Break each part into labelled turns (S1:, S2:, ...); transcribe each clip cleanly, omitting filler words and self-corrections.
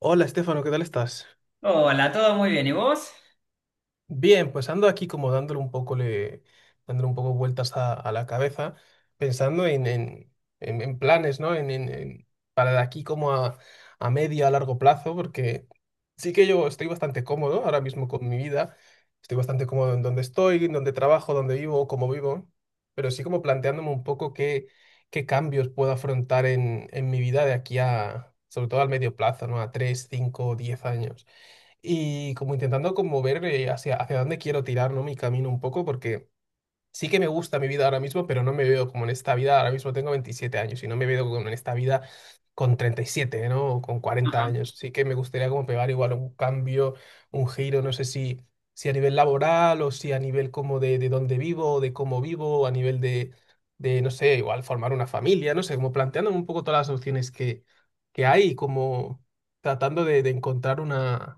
S1: Hola, Estefano, ¿qué tal estás?
S2: Hola, todo muy bien. ¿Y vos?
S1: Bien, pues ando aquí como dándole un poco, le, dándole un poco vueltas a la cabeza, pensando en en planes, ¿no? En para de aquí como a medio, a largo plazo, porque sí que yo estoy bastante cómodo ahora mismo con mi vida, estoy bastante cómodo en donde estoy, en donde trabajo, donde vivo, cómo vivo, pero sí como planteándome un poco qué, qué cambios puedo afrontar en mi vida de aquí a, sobre todo al medio plazo, ¿no? A 3, 5, 10 años y como intentando como ver hacia, hacia dónde quiero tirar, ¿no? Mi camino un poco, porque sí que me gusta mi vida ahora mismo, pero no me veo como en esta vida, ahora mismo tengo 27 años y no me veo como en esta vida con 37, ¿no? O con 40
S2: Ajá.
S1: años. Sí que me gustaría como pegar igual un cambio, un giro, no sé si, si a nivel laboral o si a nivel como de dónde vivo, de cómo vivo, o a nivel de no sé, igual formar una familia, no sé, como planteándome un poco todas las opciones que hay, como tratando de encontrar una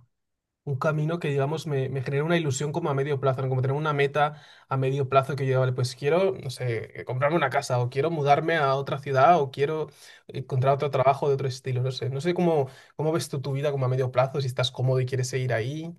S1: un camino que, digamos, me genera una ilusión como a medio plazo, ¿no? Como tener una meta a medio plazo que yo, vale, pues quiero, no sé, comprarme una casa o quiero mudarme a otra ciudad o quiero encontrar otro trabajo de otro estilo, no sé. No sé cómo, cómo ves tú tu vida como a medio plazo, si estás cómodo y quieres seguir ahí.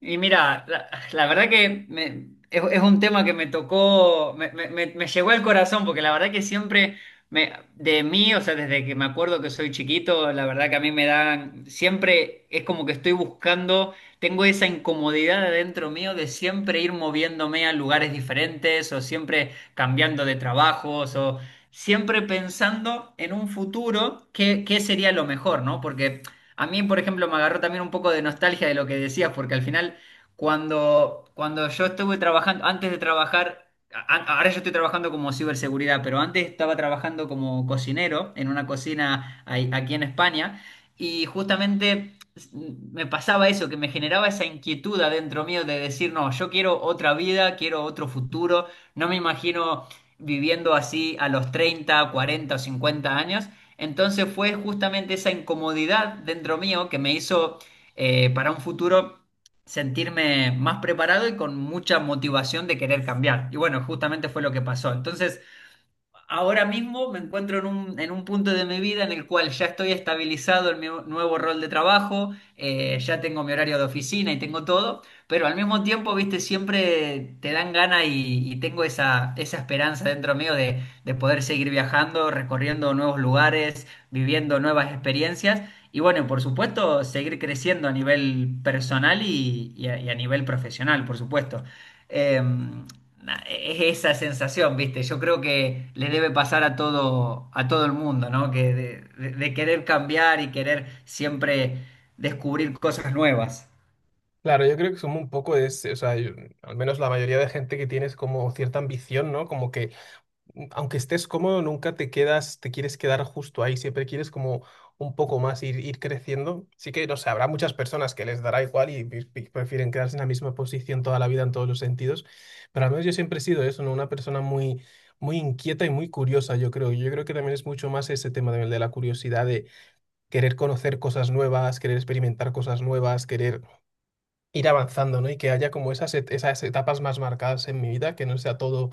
S2: Y mira, la verdad que es un tema que me tocó, me llegó al corazón, porque la verdad que siempre me, de mí, o sea, desde que me acuerdo que soy chiquito, la verdad que a siempre es como que estoy buscando, tengo esa incomodidad adentro mío de siempre ir moviéndome a lugares diferentes o siempre cambiando de trabajos o siempre pensando en un futuro, qué sería lo mejor, ¿no? Porque a mí, por ejemplo, me agarró también un poco de nostalgia de lo que decías, porque al final, cuando yo estuve trabajando, antes de trabajar, ahora yo estoy trabajando como ciberseguridad, pero antes estaba trabajando como cocinero en una cocina aquí en España, y justamente me pasaba eso, que me generaba esa inquietud adentro mío de decir, no, yo quiero otra vida, quiero otro futuro, no me imagino viviendo así a los 30, 40 o 50 años. Entonces fue justamente esa incomodidad dentro mío que me hizo para un futuro sentirme más preparado y con mucha motivación de querer cambiar. Y bueno, justamente fue lo que pasó. Entonces, ahora mismo me encuentro en en un punto de mi vida en el cual ya estoy estabilizado en mi nuevo rol de trabajo, ya tengo mi horario de oficina y tengo todo, pero al mismo tiempo, viste, siempre te dan ganas y tengo esa esperanza dentro mío de poder seguir viajando, recorriendo nuevos lugares, viviendo nuevas experiencias y bueno, y por supuesto, seguir creciendo a nivel personal y a nivel profesional, por supuesto. Eh, es esa sensación, ¿viste? Yo creo que le debe pasar a todo el mundo, ¿no? Que de querer cambiar y querer siempre descubrir cosas nuevas.
S1: Claro, yo creo que somos un poco de ese, o sea, yo- al menos la mayoría de gente que tiene es como cierta ambición, ¿no? Como que mm, aunque estés cómodo, nunca te quedas, te quieres quedar justo ahí, siempre quieres como un poco más ir, ir creciendo. Sí que, no sé, habrá muchas personas que les dará igual y prefieren quedarse en la misma posición toda la vida en todos los sentidos, pero al menos yo siempre he sido eso, ¿no? Una persona muy, muy inquieta y muy curiosa, yo creo. Yo creo que también es mucho más ese tema de la curiosidad, de querer conocer cosas nuevas, querer experimentar cosas nuevas, querer ir avanzando, ¿no? Y que haya como esas, esas etapas más marcadas en mi vida, que no sea todo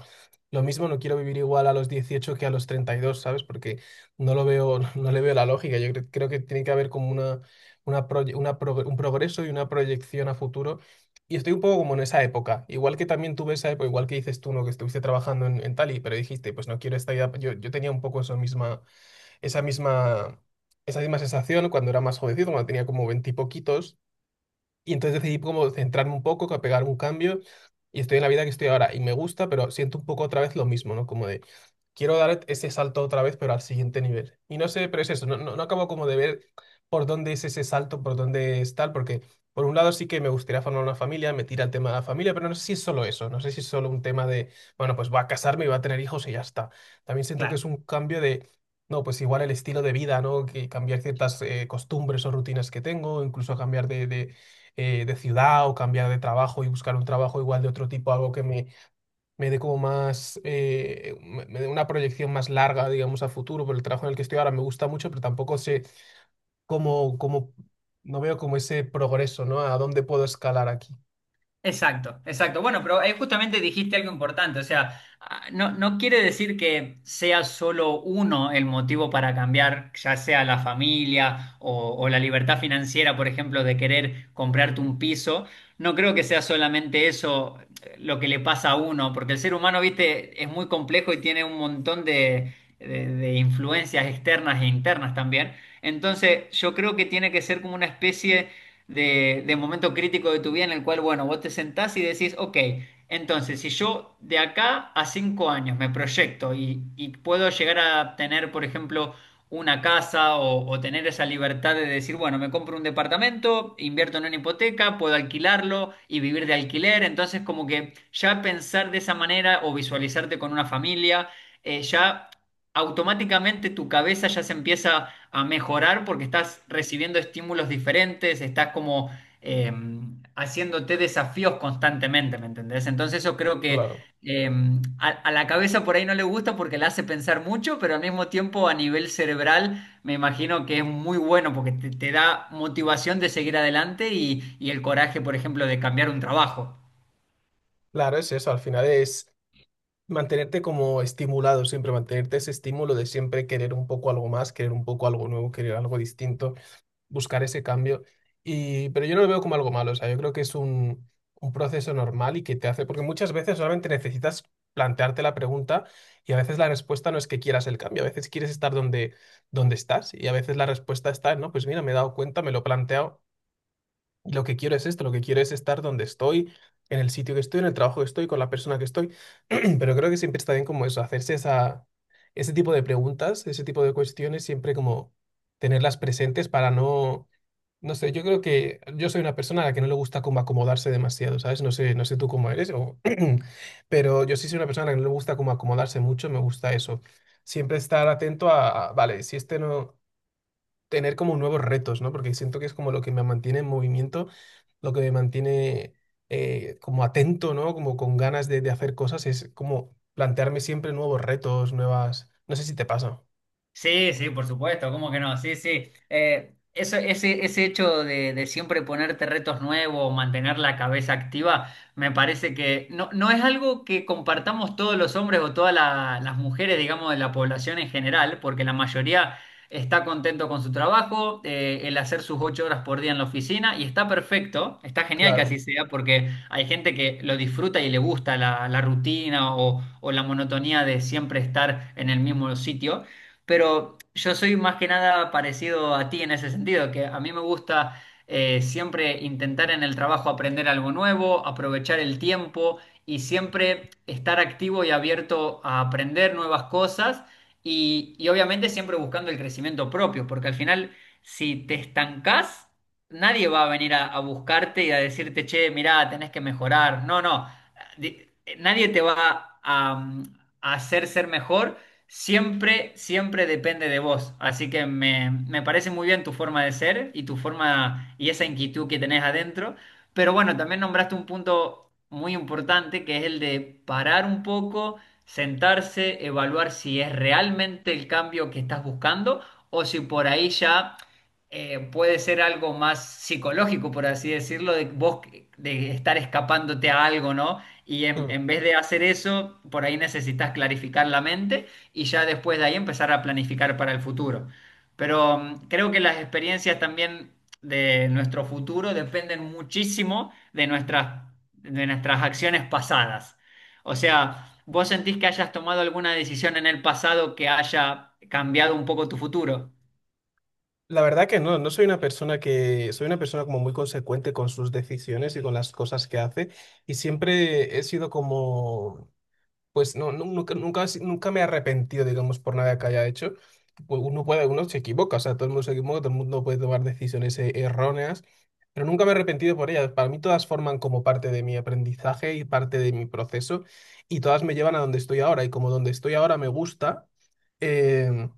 S1: lo mismo, no quiero vivir igual a los 18 que a los 32, ¿sabes? Porque no lo veo, no le veo la lógica. Yo creo que tiene que haber como una, un progreso y una proyección a futuro. Y estoy un poco como en esa época, igual que también tuve esa época, igual que dices tú, ¿no? Que estuviste trabajando en Tali, pero dijiste, pues no quiero esta vida. Yo tenía un poco esa misma, esa misma, esa misma sensación cuando era más jovencito, cuando tenía como 20 y poquitos y entonces decidí como centrarme un poco, que pegar un cambio y estoy en la vida que estoy ahora. Y me gusta, pero siento un poco otra vez lo mismo, ¿no? Como de, quiero dar ese salto otra vez, pero al siguiente nivel. Y no sé, pero es eso, no, no acabo como de ver por dónde es ese salto, por dónde es tal, porque por un lado sí que me gustaría formar una familia, me tira el tema de la familia, pero no sé si es solo eso, no sé si es solo un tema de, bueno, pues voy a casarme y voy a tener hijos y ya está. También siento que
S2: Claro.
S1: es un cambio de, no, pues igual el estilo de vida, ¿no? Que cambiar ciertas costumbres o rutinas que tengo, incluso cambiar de ciudad o cambiar de trabajo y buscar un trabajo igual de otro tipo, algo que me dé como más, me dé una proyección más larga, digamos, a futuro, pero el trabajo en el que estoy ahora me gusta mucho, pero tampoco sé cómo, no veo como ese progreso, ¿no? A dónde puedo escalar aquí.
S2: Exacto, exacto. Bueno, pero justamente dijiste algo importante, o sea, ah, no, no quiere decir que sea solo uno el motivo para cambiar, ya sea la familia o la libertad financiera, por ejemplo, de querer comprarte un piso. No creo que sea solamente eso lo que le pasa a uno, porque el ser humano, viste, es muy complejo y tiene un montón de influencias externas e internas también. Entonces, yo creo que tiene que ser como una especie de momento crítico de tu vida en el cual, bueno, vos te sentás y decís, ok, entonces si yo de acá a 5 años me proyecto y puedo llegar a tener, por ejemplo, una casa o tener esa libertad de decir, bueno, me compro un departamento, invierto en una hipoteca, puedo alquilarlo y vivir de alquiler, entonces como que ya pensar de esa manera o visualizarte con una familia, ya automáticamente tu cabeza ya se empieza a mejorar porque estás recibiendo estímulos diferentes, estás como eh, haciéndote desafíos constantemente, ¿me entendés? Entonces yo creo que
S1: Claro,
S2: eh, a la cabeza por ahí no le gusta porque la hace pensar mucho, pero al mismo tiempo a nivel cerebral me imagino que es muy bueno porque te da motivación de seguir adelante y el coraje, por ejemplo, de cambiar un trabajo.
S1: claro, es eso, al final es mantenerte como estimulado siempre, mantenerte ese estímulo de siempre querer un poco algo más, querer un poco algo nuevo, querer algo distinto. Buscar ese cambio. Y, pero yo no lo veo como algo malo, o sea, yo creo que es un proceso normal y que te hace, porque muchas veces solamente necesitas plantearte la pregunta y a veces la respuesta no es que quieras el cambio, a veces quieres estar donde, donde estás y a veces la respuesta está, en, no, pues mira, me he dado cuenta, me lo he planteado, y lo que quiero es esto, lo que quiero es estar donde estoy, en el sitio que estoy, en el trabajo que estoy, con la persona que estoy, pero creo que siempre está bien como eso, hacerse esa, ese tipo de preguntas, ese tipo de cuestiones, siempre como tenerlas presentes para no no sé, yo creo que yo soy una persona a la que no le gusta como acomodarse demasiado, ¿sabes? No sé, no sé tú cómo eres, o... pero yo sí soy una persona a la que no le gusta como acomodarse mucho, me gusta eso. Siempre estar atento a vale, si este no, tener como nuevos retos, ¿no? Porque siento que es como lo que me mantiene en movimiento, lo que me mantiene como atento, ¿no? Como con ganas de hacer cosas, es como plantearme siempre nuevos retos, nuevas... No sé si te pasa.
S2: Sí, sí, por supuesto, ¿cómo que no? Sí, sí. Eso, ese hecho de siempre ponerte retos nuevos, mantener la cabeza activa, me parece que no, no es algo que compartamos todos los hombres o todas las mujeres, digamos, de la población en general, porque la mayoría está contento con su trabajo, el hacer sus 8 horas por día en la oficina, y está perfecto, está genial que así
S1: Claro.
S2: sea, porque hay gente que lo disfruta y le gusta la rutina o la monotonía de siempre estar en el mismo sitio pero yo soy más que nada parecido a ti en ese sentido, que a mí me gusta siempre intentar en el trabajo aprender algo nuevo, aprovechar el tiempo y siempre estar activo y abierto a aprender nuevas cosas y obviamente siempre buscando el crecimiento propio, porque al final si te estancás, nadie va a venir a buscarte y a decirte, che, mirá, tenés que mejorar. No, no, Di- nadie te va a hacer ser mejor. Siempre, siempre depende de vos. Así que me parece muy bien tu forma de ser y tu forma y esa inquietud que tenés adentro. Pero bueno, también nombraste un punto muy importante que es el de parar un poco, sentarse, evaluar si es realmente el cambio que estás buscando o si por ahí ya puede ser algo más psicológico, por así decirlo, de vos de estar escapándote a algo, ¿no? Y en vez de hacer eso, por ahí necesitas clarificar la mente y ya después de ahí empezar a planificar para el futuro. Pero mm, creo que las experiencias también de nuestro futuro dependen muchísimo de nuestras acciones pasadas. O sea, ¿vos sentís que hayas tomado alguna decisión en el pasado que haya cambiado un poco tu futuro?
S1: La verdad que no, no soy una persona que, soy una persona como muy consecuente con sus decisiones y con las cosas que hace y siempre he sido como, pues no, nunca, nunca, he si- nunca me he arrepentido, digamos, por nada que haya hecho. Uno puede, uno se equivoca, o sea, todo el mundo se equivoca, todo el mundo puede tomar decisiones erróneas, pero nunca me he arrepentido por ellas. Para mí todas forman como parte de mi aprendizaje y parte de mi proceso y todas me llevan a donde estoy ahora y como donde estoy ahora me gusta. eh,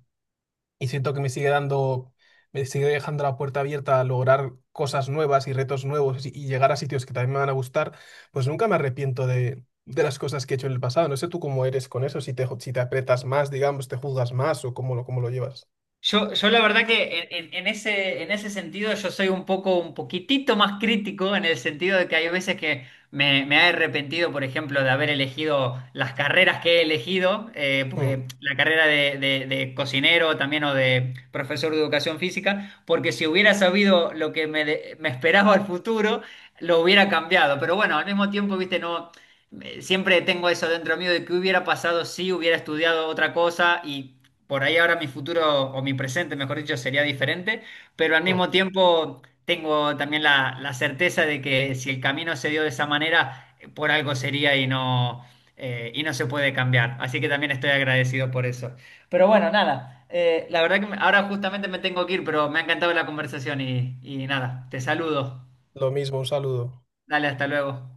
S1: y siento que me sigue dando, me sigue dejando la puerta abierta a lograr cosas nuevas y retos nuevos y llegar a sitios que también me van a gustar, pues nunca me arrepiento de las cosas que he hecho en el pasado. No sé tú cómo eres con eso, si te, si te aprietas más, digamos, te juzgas más o cómo lo llevas.
S2: Yo la verdad que en ese sentido yo soy un poco, un poquitito más crítico en el sentido de que hay veces que me he arrepentido, por ejemplo, de haber elegido las carreras que he elegido,
S1: Mm,
S2: porque la carrera de cocinero también o de profesor de educación física, porque si hubiera sabido lo que me esperaba al futuro, lo hubiera cambiado. Pero bueno, al mismo tiempo, viste, no... Siempre tengo eso dentro mío de que hubiera pasado si hubiera estudiado otra cosa y por ahí ahora mi futuro o mi presente, mejor dicho, sería diferente, pero al
S1: mm.
S2: mismo tiempo tengo también la certeza de que si el camino se dio de esa manera, por algo sería y y no se puede cambiar. Así que también estoy agradecido por eso. Pero bueno, nada, la verdad que me- ahora justamente me tengo que ir, pero me ha encantado la conversación y nada, te saludo.
S1: Lo mismo, un saludo.
S2: Dale, hasta luego.